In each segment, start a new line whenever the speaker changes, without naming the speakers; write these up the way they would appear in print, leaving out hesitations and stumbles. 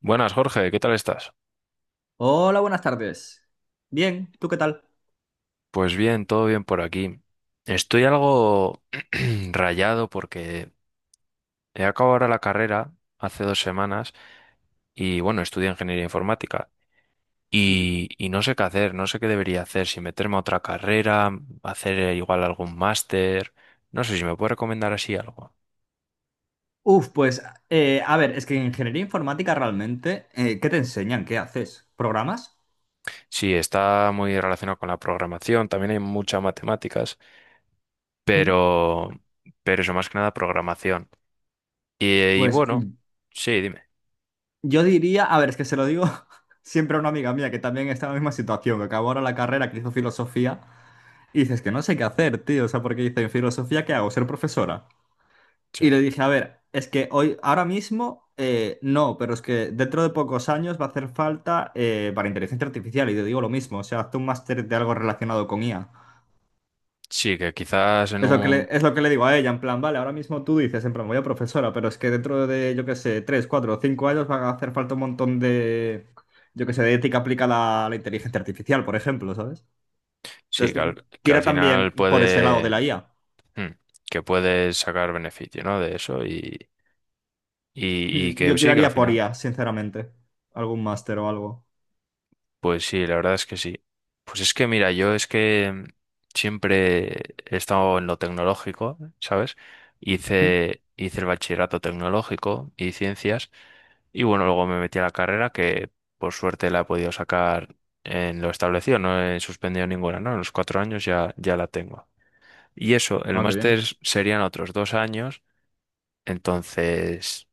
Buenas, Jorge, ¿qué tal estás?
Hola, buenas tardes. Bien, ¿tú qué tal?
Pues bien, todo bien por aquí. Estoy algo rayado porque he acabado ahora la carrera hace dos semanas y bueno, estudio ingeniería informática
Ujú.
y no sé qué hacer, no sé qué debería hacer, si meterme a otra carrera, hacer igual algún máster, no sé si me puede recomendar así algo.
Uf, pues a ver, es que en ingeniería informática realmente, ¿qué te enseñan? ¿Qué haces? ¿Programas?
Sí, está muy relacionado con la programación, también hay muchas matemáticas,
Mm.
pero, pero eso más que nada programación. Y
Pues
bueno, sí, dime.
yo diría, a ver, es que se lo digo siempre a una amiga mía que también está en la misma situación, que acabó ahora la carrera, que hizo filosofía, y dices que no sé qué hacer, tío, o sea, porque dice, en filosofía, ¿qué hago? ¿Ser profesora?
Sí.
Y le dije, a ver, es que hoy, ahora mismo, no, pero es que dentro de pocos años va a hacer falta para inteligencia artificial. Y te digo lo mismo, o sea, haz un máster de algo relacionado con IA.
Sí, que quizás en un...
Es lo que le digo a ella, en plan, vale, ahora mismo tú dices, en plan, voy a profesora, pero es que dentro de, yo qué sé, 3, 4 o 5 años va a hacer falta un montón de, yo qué sé, de ética aplicada a la inteligencia artificial, por ejemplo, ¿sabes?
Sí,
Entonces,
que al
tira
final
también por ese lado de
puede...
la IA.
mm, que puedes sacar beneficio, ¿no? De eso y que
Yo
sí, que al
tiraría por
final.
IA, sinceramente. Algún máster o algo.
Pues sí, la verdad es que sí. Pues es que mira, yo es que siempre he estado en lo tecnológico, ¿sabes?
Mm.
Hice el bachillerato tecnológico y ciencias y bueno, luego me metí a la carrera que por suerte la he podido sacar en lo establecido, no he suspendido ninguna, ¿no? En los cuatro años ya la tengo. Y eso, el
Ah, qué
máster
bien.
serían otros dos años, entonces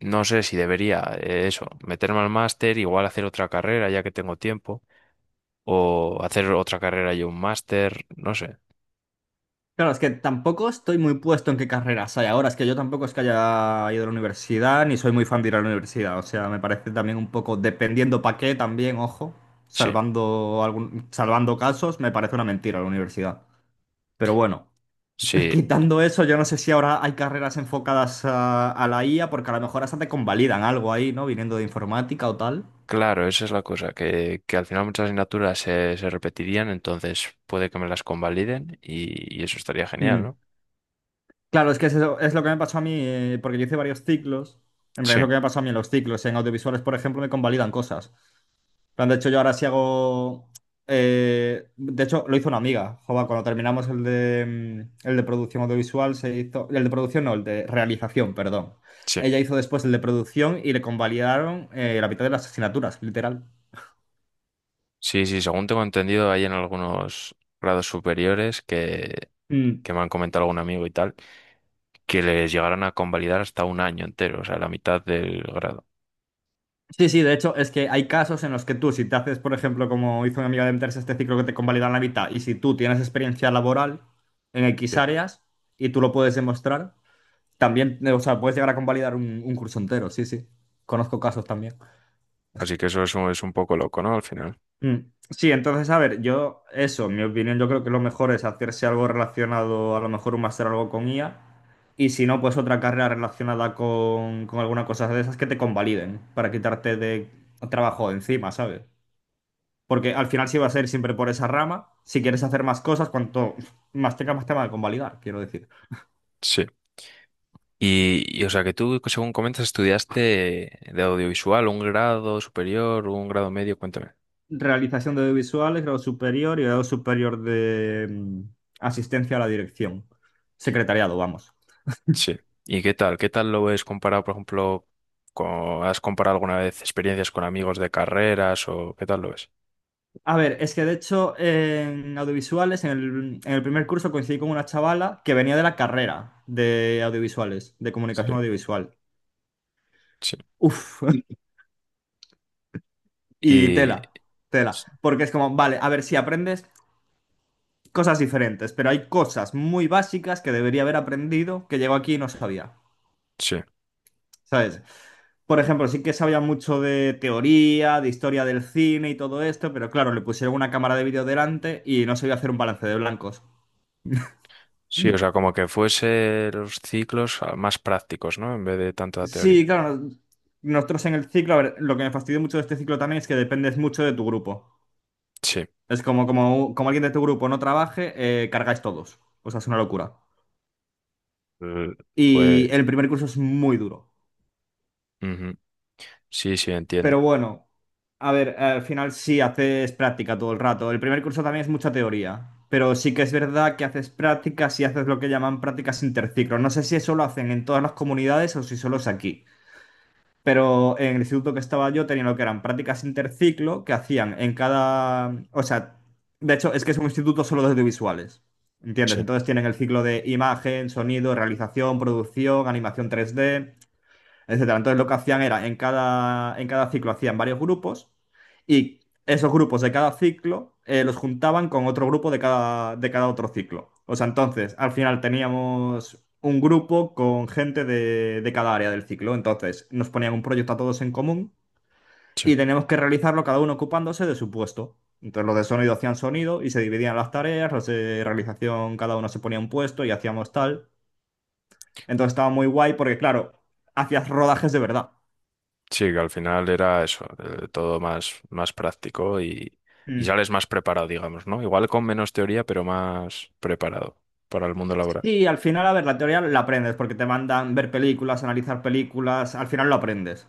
no sé si debería eso, meterme al máster, igual hacer otra carrera ya que tengo tiempo, o hacer otra carrera y un máster, no sé.
Claro, es que tampoco estoy muy puesto en qué carreras hay ahora. Es que yo tampoco es que haya ido a la universidad, ni soy muy fan de ir a la universidad. O sea, me parece también un poco, dependiendo para qué, también, ojo,
Sí,
salvando casos, me parece una mentira la universidad. Pero bueno,
sí,
quitando eso, yo no sé si ahora hay carreras enfocadas a, la IA, porque a lo mejor hasta te convalidan algo ahí, ¿no? Viniendo de informática o tal.
claro, esa es la cosa, que al final muchas asignaturas se repetirían, entonces puede que me las convaliden y eso estaría genial,
Mm.
¿no?
Claro, es que es, es lo que me pasó a mí, porque yo hice varios ciclos. En
Sí,
realidad es lo que me pasó a mí en los ciclos. En audiovisuales, por ejemplo, me convalidan cosas. En plan, de hecho, yo ahora sí hago. De hecho, lo hizo una amiga. Joba, cuando terminamos el de producción audiovisual, se hizo. El de producción, no, el de realización, perdón.
sí.
Ella hizo después el de producción y le convalidaron la mitad de las asignaturas, literal.
Sí, sí, según tengo entendido, hay en algunos grados superiores
Mm.
que me han comentado algún amigo y tal que les llegaran a convalidar hasta un año entero, o sea, la mitad del grado.
Sí, sí, de hecho es que hay casos en los que tú, si te haces, por ejemplo, como hizo una amiga de meterse a este ciclo que te convalidan la mitad, y si tú tienes experiencia laboral en X
Sí.
áreas y tú lo puedes demostrar, también, o sea, puedes llegar a convalidar un curso entero, sí, sí. Conozco casos también.
Así que eso es un poco loco, ¿no? Al final.
Mm, sí, entonces, a ver, yo, eso, en mi opinión, yo creo que lo mejor es hacerse algo relacionado, a lo mejor un máster o algo con IA, y si no, pues otra carrera relacionada con, alguna cosa de esas que te convaliden para quitarte de trabajo de encima, ¿sabes? Porque al final sí va a ser siempre por esa rama. Si quieres hacer más cosas, cuanto más tengas más tema de convalidar, quiero decir.
Sí. O sea, que tú, según comentas, estudiaste de audiovisual, un grado superior, un grado medio, cuéntame.
Realización de audiovisuales, grado superior y grado superior de asistencia a la dirección. Secretariado, vamos.
Sí. ¿Y qué tal? ¿Qué tal lo ves comparado, por ejemplo, con, has comparado alguna vez experiencias con amigos de carreras o qué tal lo ves?
A ver, es que de hecho en audiovisuales, en el primer curso coincidí con una chavala que venía de la carrera de audiovisuales, de
Sí,
comunicación audiovisual.
sí,
Uf, y
Y
tela, tela. Porque es como, vale, a ver, si aprendes cosas diferentes, pero hay cosas muy básicas que debería haber aprendido que llegó aquí y no sabía,
sí,
¿sabes? Por ejemplo, sí que sabía mucho de teoría, de historia del cine y todo esto, pero claro, le pusieron una cámara de vídeo delante y no sabía hacer un balance de blancos.
sí, o sea, como que fuese los ciclos ah, más prácticos, ¿no? En vez de tanta
Sí,
teoría.
claro, nosotros en el ciclo, a ver, lo que me fastidió mucho de este ciclo también es que dependes mucho de tu grupo.
Sí.
Es como, alguien de tu grupo no trabaje, cargáis todos. O sea, es una locura.
eh, pues,
Y el primer curso es muy duro.
ujú. Sí, sí,
Pero
entiendo.
bueno, a ver, al final sí haces práctica todo el rato. El primer curso también es mucha teoría, pero sí que es verdad que haces prácticas y haces lo que llaman prácticas interciclo. No sé si eso lo hacen en todas las comunidades o si solo es aquí. Pero en el instituto que estaba yo tenía lo que eran prácticas interciclo que hacían en cada... O sea, de hecho es que es un instituto solo de audiovisuales. ¿Entiendes?
Sí,
Entonces tienen el ciclo de imagen, sonido, realización, producción, animación 3D, etcétera. Entonces lo que hacían era, en cada ciclo hacían varios grupos y esos grupos de cada ciclo los juntaban con otro grupo de cada otro ciclo. O sea, entonces al final teníamos un grupo con gente de cada área del ciclo. Entonces nos ponían un proyecto a todos en común
sí.
y teníamos que realizarlo cada uno ocupándose de su puesto. Entonces los de sonido hacían sonido y se dividían las tareas, los de realización cada uno se ponía un puesto y hacíamos tal. Entonces estaba muy guay porque, claro, hacías rodajes de verdad.
Sí, que al final era eso, todo más, más práctico y
Mm.
sales más preparado, digamos, ¿no? Igual con menos teoría, pero más preparado para el mundo laboral.
Sí, al final, a ver, la teoría la aprendes porque te mandan ver películas, analizar películas, al final lo aprendes.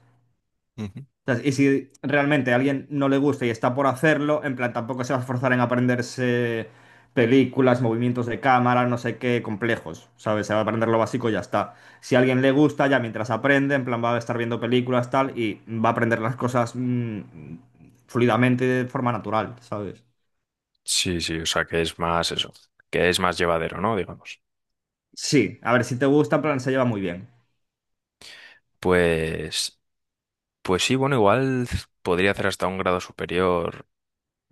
Ujú.
Entonces, y si realmente a alguien no le gusta y está por hacerlo, en plan, tampoco se va a esforzar en aprenderse películas, movimientos de cámara, no sé qué, complejos, ¿sabes? Se va a aprender lo básico y ya está. Si a alguien le gusta, ya mientras aprende, en plan, va a estar viendo películas, tal, y va a aprender las cosas fluidamente de forma natural, ¿sabes?
Sí, sí, o sea, que es más eso, que es más llevadero, ¿no? Digamos.
Sí, a ver, si te gusta, en plan, se lleva muy bien.
Pues, pues sí, bueno, igual podría hacer hasta un grado superior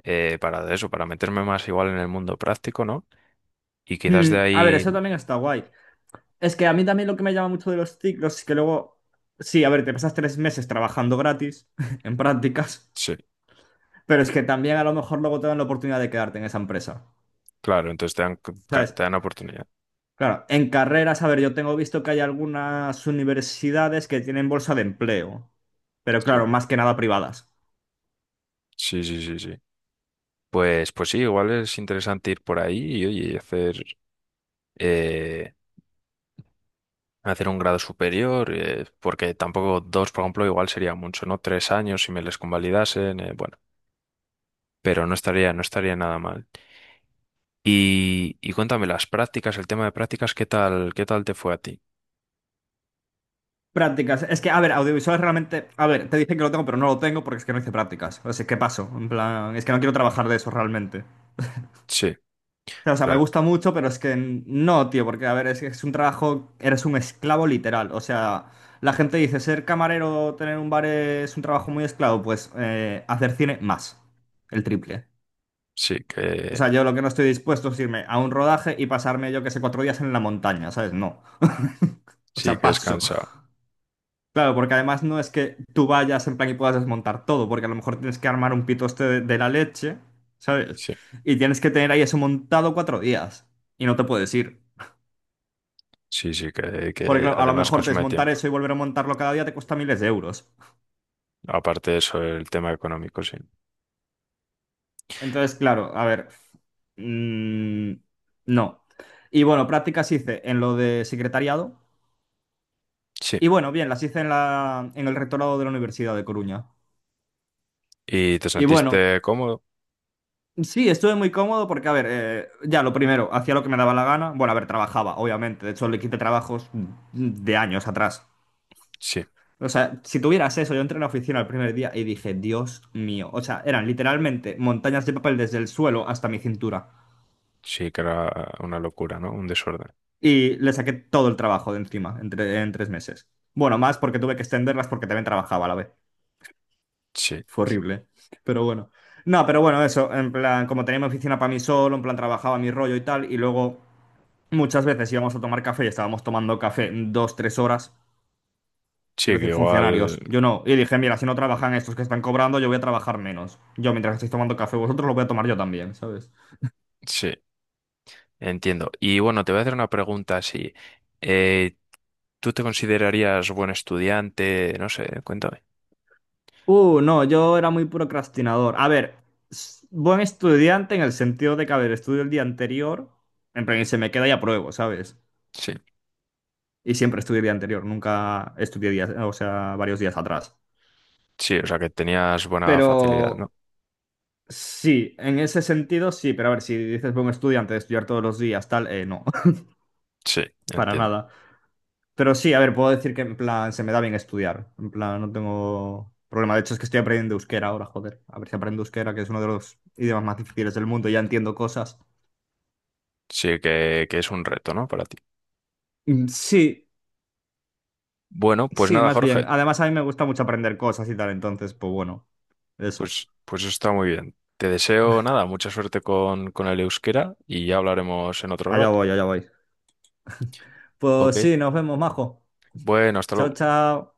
para eso, para meterme más igual en el mundo práctico, ¿no? Y quizás de
A ver, eso
ahí,
también está guay. Es que a mí también lo que me llama mucho de los ciclos es que luego, sí, a ver, te pasas 3 meses trabajando gratis en prácticas,
sí,
pero es que también a lo mejor luego te dan la oportunidad de quedarte en esa empresa.
claro, entonces te dan, claro,
¿Sabes?
te dan oportunidad.
Claro, en carreras, a ver, yo tengo visto que hay algunas universidades que tienen bolsa de empleo, pero
Sí,
claro, más que nada privadas.
sí, sí, sí, sí. Pues, pues sí, igual es interesante ir por ahí y, oye, y hacer, eh, hacer un grado superior, porque tampoco dos, por ejemplo, igual sería mucho, ¿no? Tres años si me les convalidasen, bueno, pero no estaría, no estaría nada mal. Y cuéntame las prácticas, el tema de prácticas, qué tal te fue a ti?
Prácticas, es que, a ver, audiovisuales realmente, a ver, te dicen que lo tengo, pero no lo tengo porque es que no hice prácticas. O sea, ¿qué pasó? En plan, es que no quiero trabajar de eso realmente.
Sí,
O sea, me
claro,
gusta mucho, pero es que no, tío, porque a ver, es un trabajo, eres un esclavo literal. O sea, la gente dice, ser camarero, tener un bar es un trabajo muy esclavo, pues hacer cine más, el triple.
sí
O
que,
sea, yo lo que no estoy dispuesto es irme a un rodaje y pasarme, yo que sé, 4 días en la montaña, ¿sabes? No. O
sí
sea,
que es
paso.
cansado.
Claro, porque además no es que tú vayas en plan y puedas desmontar todo, porque a lo mejor tienes que armar un pitoste de, la leche, ¿sabes?
Sí,
Y tienes que tener ahí eso montado 4 días y no te puedes ir.
sí, sí,
Porque
que
claro, a lo
además
mejor
consume
desmontar
tiempo.
eso y volver a montarlo cada día te cuesta miles de euros.
Aparte de eso, el tema económico, sí.
Entonces, claro, a ver, mm, no. Y bueno, prácticas hice en lo de secretariado.
Sí.
Y bueno, bien, las hice en la, en el rectorado de la Universidad de Coruña.
¿Y te
Y bueno,
sentiste cómodo?
sí, estuve muy cómodo porque, a ver, ya lo primero, hacía lo que me daba la gana. Bueno, a ver, trabajaba, obviamente. De hecho, le quité trabajos de años atrás.
Sí,
O sea, si tuvieras eso, yo entré en la oficina el primer día y dije, Dios mío. O sea, eran literalmente montañas de papel desde el suelo hasta mi cintura.
sí que era una locura, ¿no? Un desorden.
Y le saqué todo el trabajo de encima en, en 3 meses. Bueno, más porque tuve que extenderlas porque también trabajaba a la vez.
Sí,
Fue horrible. Pero bueno. No, pero bueno, eso. En plan, como tenía mi oficina para mí solo, en plan, trabajaba mi rollo y tal. Y luego muchas veces íbamos a tomar café y estábamos tomando café dos, tres horas.
sí,
Quiero
que
decir,
igual,
funcionarios. Yo no. Y dije, mira, si no trabajan estos que están cobrando, yo voy a trabajar menos. Yo, mientras estéis tomando café vosotros, lo voy a tomar yo también, ¿sabes?
sí, entiendo. Y bueno, te voy a hacer una pregunta así. Eh, ¿Tú te considerarías buen estudiante? No sé, cuéntame.
No, yo era muy procrastinador. A ver, buen estudiante en el sentido de que, a ver, estudio el día anterior, en plan, y se me queda y apruebo, ¿sabes?
Sí,
Y siempre estudio el día anterior, nunca estudié días, o sea, varios días atrás.
sí, o sea que tenías buena facilidad,
Pero
¿no?
sí, en ese sentido sí, pero a ver, si dices buen estudiante de estudiar todos los días, tal, no,
Sí,
para
entiendo.
nada. Pero sí, a ver, puedo decir que en plan se me da bien estudiar. En plan, no tengo problema. De hecho, es que estoy aprendiendo euskera ahora, joder. A ver si aprendo euskera, que es uno de los idiomas más difíciles del mundo. Ya entiendo cosas.
Sí, que es un reto, ¿no? Para ti.
Mm, sí,
Bueno, pues
sí,
nada,
más bien.
Jorge,
Además, a mí me gusta mucho aprender cosas y tal. Entonces, pues bueno, eso.
pues, pues eso está muy bien. Te deseo nada, mucha suerte con el euskera y ya hablaremos en otro
Allá
rato.
voy, allá voy.
Ok.
Pues sí, nos vemos, majo.
Bueno, hasta
Chao,
luego.
chao.